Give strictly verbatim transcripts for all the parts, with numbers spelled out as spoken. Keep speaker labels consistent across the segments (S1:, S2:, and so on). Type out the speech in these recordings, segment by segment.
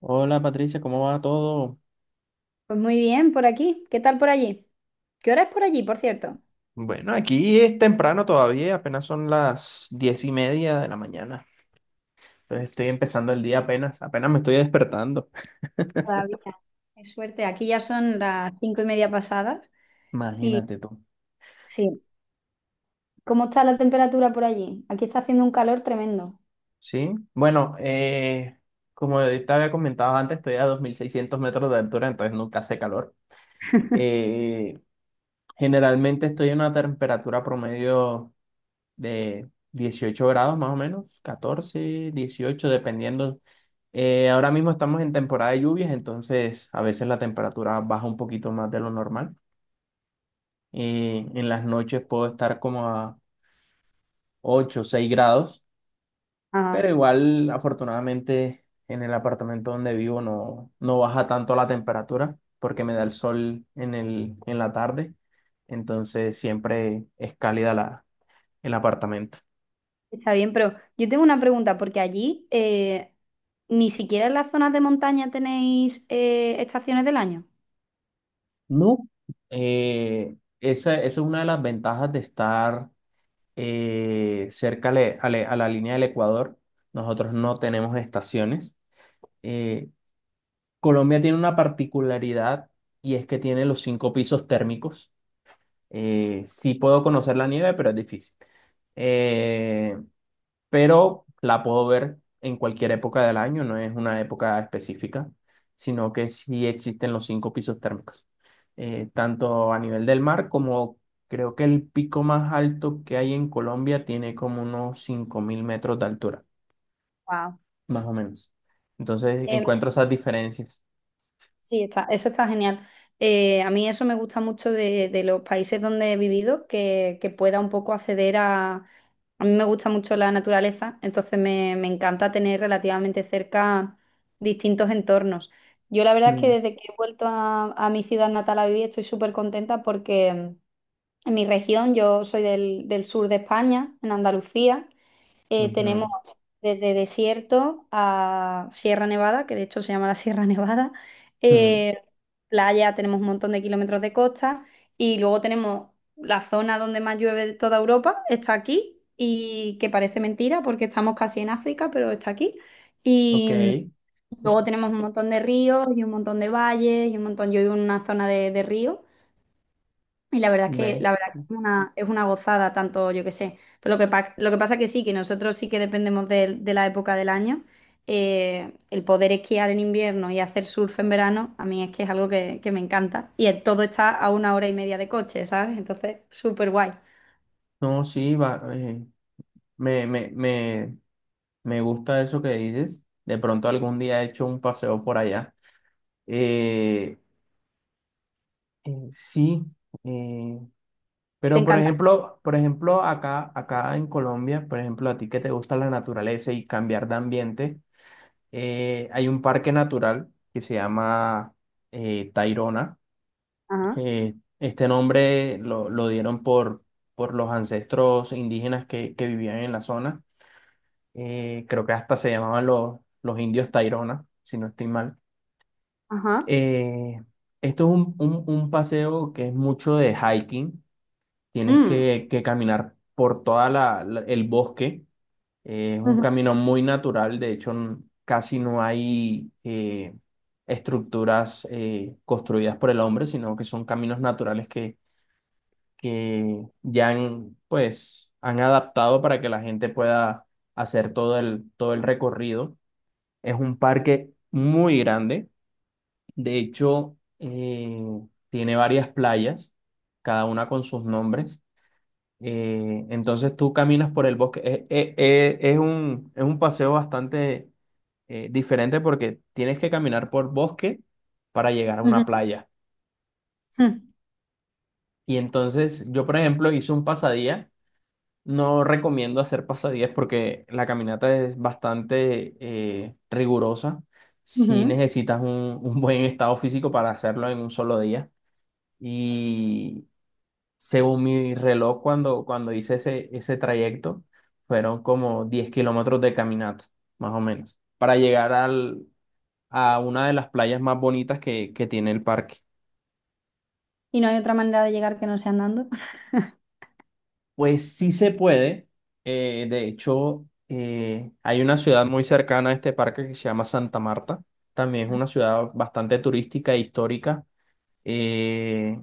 S1: Hola Patricia, ¿cómo va todo?
S2: Pues muy bien, por aquí. ¿Qué tal por allí? ¿Qué hora es por allí, por cierto?
S1: Bueno, aquí es temprano todavía, apenas son las diez y media de la mañana. Entonces estoy empezando el día apenas, apenas me estoy despertando.
S2: Todavía. Qué suerte, aquí ya son las cinco y media pasadas. Y
S1: Imagínate tú.
S2: sí, ¿cómo está la temperatura por allí? Aquí está haciendo un calor tremendo.
S1: Sí, bueno, eh, como te había comentado antes, estoy a dos mil seiscientos metros de altura, entonces nunca hace calor. Eh, Generalmente estoy a una temperatura promedio de dieciocho grados más o menos, catorce dieciocho dependiendo. Eh, ahora mismo estamos en temporada de lluvias, entonces a veces la temperatura baja un poquito más de lo normal. Eh, en las noches puedo estar como a ocho o seis grados,
S2: Ah,
S1: pero igual afortunadamente en el apartamento donde vivo no, no baja tanto la temperatura porque me da el sol en el, en la tarde, entonces siempre es cálida la, el apartamento.
S2: está bien, pero yo tengo una pregunta, porque allí eh, ni siquiera en las zonas de montaña tenéis eh, estaciones del año.
S1: No, eh, esa, esa es una de las ventajas de estar eh, cerca ale- ale- a la línea del Ecuador. Nosotros no tenemos estaciones. Eh, Colombia tiene una particularidad y es que tiene los cinco pisos térmicos. Eh, sí puedo conocer la nieve, pero es difícil. Eh, pero la puedo ver en cualquier época del año, no es una época específica, sino que sí existen los cinco pisos térmicos, eh, tanto a nivel del mar como creo que el pico más alto que hay en Colombia tiene como unos cinco mil metros de altura,
S2: Wow.
S1: más o menos. Entonces encuentro esas diferencias.
S2: Sí, está, eso está genial. Eh, a mí eso me gusta mucho de, de los países donde he vivido, que, que pueda un poco acceder a... A mí me gusta mucho la naturaleza, entonces me, me encanta tener relativamente cerca distintos entornos. Yo la verdad es que
S1: Mm,
S2: desde que he vuelto a, a mi ciudad natal a vivir estoy súper contenta porque en mi región, yo soy del, del sur de España, en Andalucía, eh, tenemos
S1: ujú,
S2: desde desierto a Sierra Nevada, que de hecho se llama la Sierra Nevada,
S1: mm,
S2: eh, playa, tenemos un montón de kilómetros de costa y luego tenemos la zona donde más llueve de toda Europa, está aquí y que parece mentira porque estamos casi en África, pero está aquí.
S1: ok,
S2: Y mm, luego tenemos un montón de ríos y un montón de valles y un montón, yo vivo en una zona de, de ríos y la verdad es que
S1: ve.
S2: la verdad que es una, es una gozada, tanto yo que sé. Pero lo que, pa- lo que pasa que sí, que nosotros sí que dependemos de, de la época del año. Eh, el poder esquiar en invierno y hacer surf en verano, a mí es que es algo que, que me encanta. Y el- todo está a una hora y media de coche, ¿sabes? Entonces, súper guay.
S1: No, sí, va, eh, me, me, me, me gusta eso que dices. De pronto algún día he hecho un paseo por allá. Eh, eh, sí, eh,
S2: Te
S1: pero por
S2: encanta.
S1: ejemplo, por ejemplo, acá, acá en Colombia, por ejemplo, a ti que te gusta la naturaleza y cambiar de ambiente, eh, hay un parque natural que se llama eh, Tayrona.
S2: Ajá,
S1: Eh, este nombre lo, lo dieron por, por los ancestros indígenas que, que vivían en la zona. Eh, creo que hasta se llamaban los, los indios Tayrona, si no estoy mal.
S2: ajá.
S1: Eh, Esto es un, un- un paseo que es mucho de hiking. Tienes
S2: Mm.
S1: que, que caminar por toda la, la- el bosque. Eh, es un
S2: Ujú,
S1: camino muy natural. De hecho, n- casi no hay eh, estructuras eh, construidas por el hombre, sino que son caminos naturales que, que ya han, pues, han adaptado para que la gente pueda hacer todo el, todo el recorrido. Es un parque muy grande de hecho, eh, tiene varias playas, cada una con sus nombres. Eh, entonces tú caminas por el bosque. Es es eh, es un, es un paseo bastante eh, diferente porque tienes que caminar por bosque para llegar a una
S2: ujú,
S1: playa.
S2: ujú,
S1: Y entonces yo, por ejemplo, hice un pasadía. No recomiendo hacer pasadías porque la caminata es bastante eh, rigurosa. Si
S2: ujú.
S1: necesitas un un buen estado físico para hacerlo en un solo día. Y según mi reloj, cuando, cuando hice ese, ese trayecto, fueron como diez kilómetros de caminata, más o menos, para llegar al, a una de las playas más bonitas que, que tiene el parque.
S2: Y no hay otra manera de llegar que no sea andando.
S1: Pues sí se puede. eh, de hecho, eh, hay una ciudad muy cercana a este parque que se llama Santa Marta. También es una ciudad bastante turística e histórica. eh,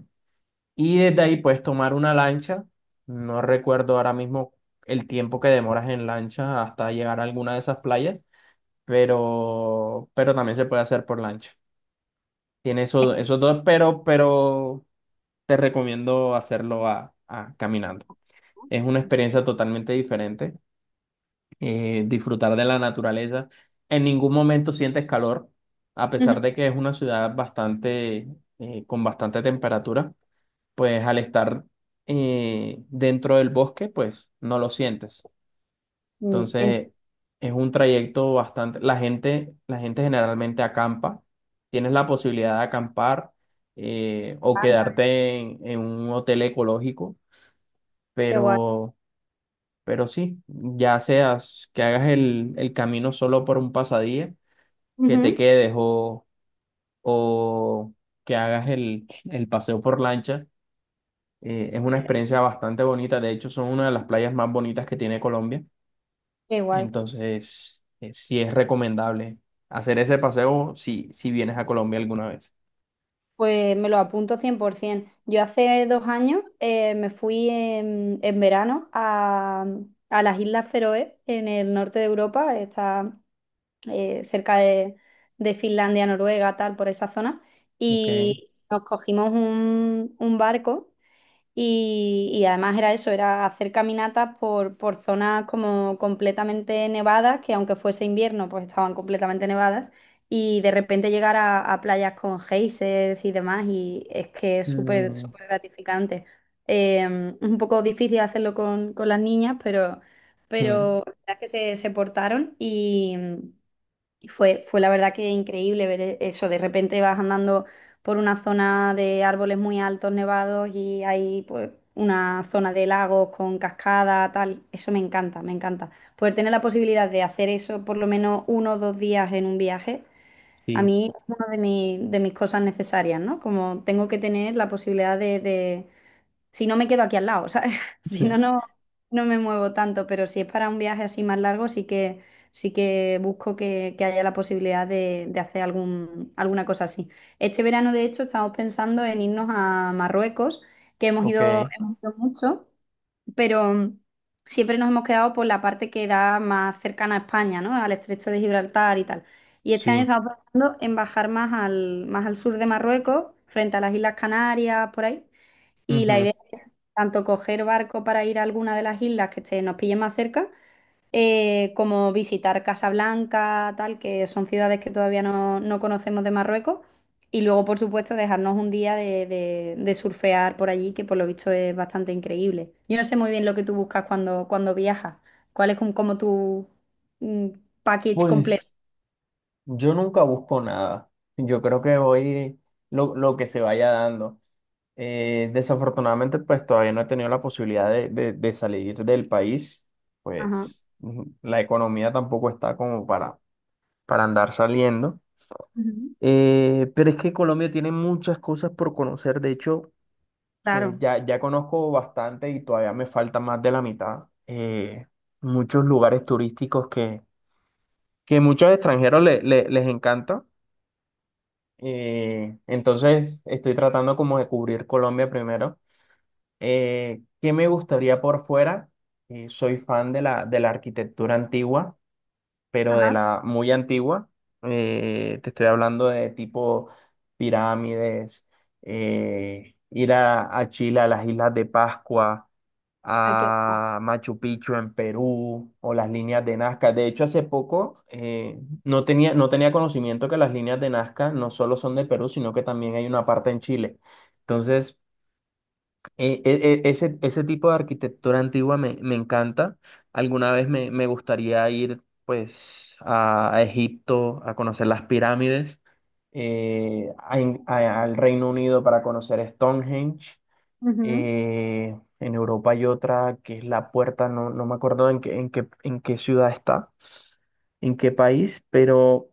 S1: Y desde ahí puedes tomar una lancha. No recuerdo ahora mismo el tiempo que demoras en lancha hasta llegar a alguna de esas playas, pero, pero también se puede hacer por lancha. Tiene eso- esos dos, pero, pero te recomiendo hacerlo a, a caminando. Es una experiencia totalmente diferente. eh, disfrutar de la naturaleza. En ningún momento sientes calor, a pesar de que es una ciudad bastante, eh, con bastante temperatura. Pues al estar eh, dentro del bosque, pues no lo sientes.
S2: Mm, ent-
S1: Entonces, es un trayecto bastante, la gente, la gente generalmente acampa, tienes la posibilidad de acampar eh, o quedarte en, en un hotel ecológico,
S2: Qué guay.
S1: pero, pero sí, ya seas que hagas el, el camino solo por un pasadía, que te
S2: Ujú.
S1: quedes o, o que hagas el, el paseo por lancha. Eh, es una experiencia bastante bonita. De hecho, son una de las playas más bonitas que tiene Colombia.
S2: Qué guay.
S1: Entonces, eh, sí es recomendable hacer ese paseo si, si vienes a Colombia alguna vez.
S2: Pues me lo apunto cien por ciento. Yo hace dos años eh, me fui en, en verano a, a las Islas Feroe, en el norte de Europa, está eh, cerca de, de Finlandia, Noruega, tal, por esa zona,
S1: Ok.
S2: y nos cogimos un, un barco y, y además era eso, era hacer caminatas por, por zonas como completamente nevadas, que aunque fuese invierno, pues estaban completamente nevadas, y de repente llegar a, a playas con geysers y demás, y es que es súper,
S1: Mm,
S2: súper gratificante. Eh, un poco difícil hacerlo con, con las niñas, pero,
S1: mm,
S2: pero la verdad es que se, se portaron y... Y Fue, fue la verdad que increíble ver e- eso. De repente vas andando por una zona de árboles muy altos, nevados, y hay pues una zona de lagos con cascada, tal. Eso me encanta, me encanta. Poder tener la posibilidad de hacer eso por lo menos uno o dos días en un viaje, a
S1: sí.
S2: mí es una de, mi- de mis cosas necesarias, ¿no? Como tengo que tener la posibilidad de, de si no me quedo aquí al lado, ¿sabes? Si no, no, no me muevo tanto, pero si es para un viaje así más largo, sí que, sí que busco que, que haya la posibilidad de, de hacer algún, alguna cosa así. Este verano, de hecho, estamos pensando en irnos a Marruecos, que hemos ido,
S1: Ok.
S2: hemos ido mucho, pero siempre nos hemos quedado por la parte que da más cercana a España, ¿no? Al estrecho de Gibraltar y tal. Y este año
S1: Sí.
S2: estamos pensando en bajar más al, más al sur de Marruecos, frente a las Islas Canarias, por ahí. Y la
S1: Ujú.
S2: idea tanto coger barco para ir a alguna de las islas que esté- nos pille más cerca, eh, como visitar Casablanca, tal, que son ciudades que todavía no, no conocemos de Marruecos. Y luego, por supuesto, dejarnos un día de, de- de surfear por allí, que por lo visto es bastante increíble. Yo no sé muy bien lo que tú buscas cuando, cuando viajas. ¿Cuál es como, como tu mm, package completo?
S1: Pues yo nunca busco nada. Yo creo que voy lo, lo que se vaya dando. Eh, desafortunadamente, pues todavía no he tenido la posibilidad de, de- de salir del país,
S2: Ajá.
S1: pues ujú, la economía tampoco está como para, para andar saliendo.
S2: Ujú.
S1: Eh, pero es que Colombia tiene muchas cosas por conocer, de hecho, pues
S2: Claro.
S1: ya, ya conozco bastante y todavía me falta más de la mitad. Eh, muchos lugares turísticos que, que muchos extranjeros le- le- les encanta. Eh, entonces, estoy tratando como de cubrir Colombia primero. Eh, ¿qué me gustaría por fuera? Eh, soy fan de la, de la arquitectura antigua, pero de
S2: Ajá.
S1: la muy antigua. Eh, te estoy hablando de tipo pirámides, eh, ir a, a Chile, a las Islas de Pascua,
S2: Hay que...
S1: a Machu Picchu en Perú o las líneas de Nazca. De hecho, hace poco eh, no tenía, no tenía conocimiento que las líneas de Nazca no solo son de Perú, sino que también hay una parte en Chile. Entonces... E- e- e- ese, ese tipo de arquitectura antigua me, me encanta. Alguna vez me, me gustaría ir pues a, a Egipto a conocer las pirámides, eh, a In- a- al Reino Unido para conocer Stonehenge.
S2: Ujú.
S1: eh, en Europa hay otra que es la puerta, no, no me acuerdo en qué, en qué, en qué ciudad está, en qué país, pero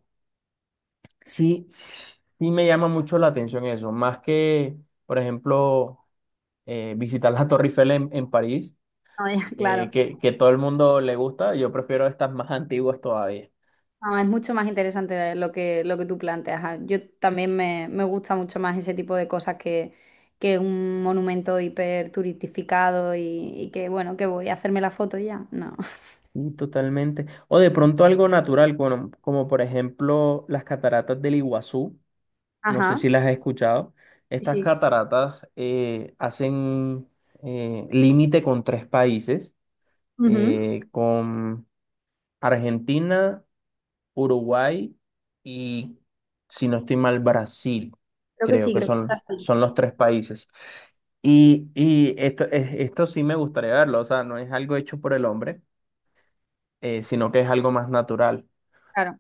S1: sí, sí me llama mucho la atención eso, más que, por ejemplo eh, visitar la Torre Eiffel en, en París,
S2: No, ya,
S1: eh,
S2: claro.
S1: que, que todo el mundo le gusta. Yo prefiero estas más antiguas todavía.
S2: No, es mucho más interesante lo que, lo que tú planteas. Ah, Yo también me, me gusta mucho más ese tipo de cosas que, que un monumento hiperturistificado y, y que, bueno, que voy a hacerme la foto y ya. No.
S1: Y totalmente. O de pronto algo natural, como, como por ejemplo las cataratas del Iguazú. No sé
S2: Ajá.
S1: si las has escuchado.
S2: Sí,
S1: Estas
S2: sí.
S1: cataratas eh, hacen eh, límite con tres países,
S2: Ujú.
S1: eh, con Argentina, Uruguay y, si no estoy mal, Brasil.
S2: Creo que
S1: Creo
S2: sí,
S1: que
S2: creo que está
S1: son,
S2: así.
S1: son los tres países. Y, y esto, es- esto sí me gustaría verlo, o sea, no es algo hecho por el hombre, eh, sino que es algo más natural.
S2: Claro.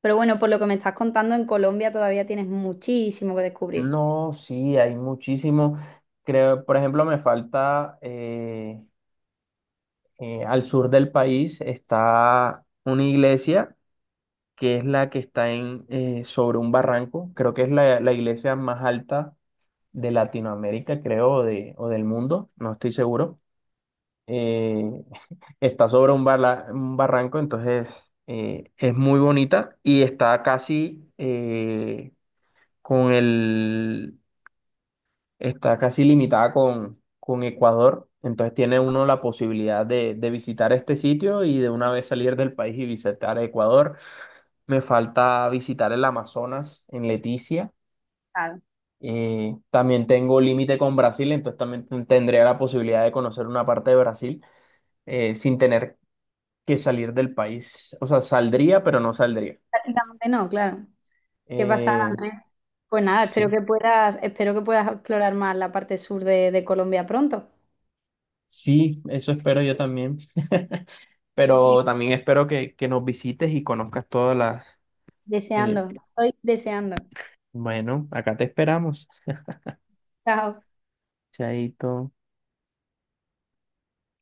S2: Pero bueno, por lo que me estás contando, en Colombia todavía tienes muchísimo que descubrir.
S1: No, sí, hay muchísimo. Creo, por ejemplo, me falta eh, eh, al sur del país está una iglesia que es la que está en, eh, sobre un barranco. Creo que es la, la iglesia más alta de Latinoamérica, creo, o, de, o del mundo, no estoy seguro eh, está sobre un, barla- un barranco, entonces eh, es muy bonita y está casi eh, con el, está casi limitada con, con Ecuador, entonces tiene uno la posibilidad de, de visitar este sitio y de una vez salir del país y visitar Ecuador. Me falta visitar el Amazonas en Leticia.
S2: Claro.
S1: Eh, también tengo límite con Brasil, entonces también tendría la posibilidad de conocer una parte de Brasil eh, sin tener que salir del país. O sea, saldría, pero no saldría.
S2: Prácticamente no, claro. ¿Qué pasa,
S1: Eh,
S2: Andrés? Pues nada, espero
S1: sí,
S2: que puedas, espero que puedas explorar más la parte sur de de Colombia pronto.
S1: sí, eso espero yo también. Pero también espero que, que nos visites y conozcas todas las... eh,
S2: Deseando, estoy deseando.
S1: bueno, acá te esperamos.
S2: Chao.
S1: Chaito.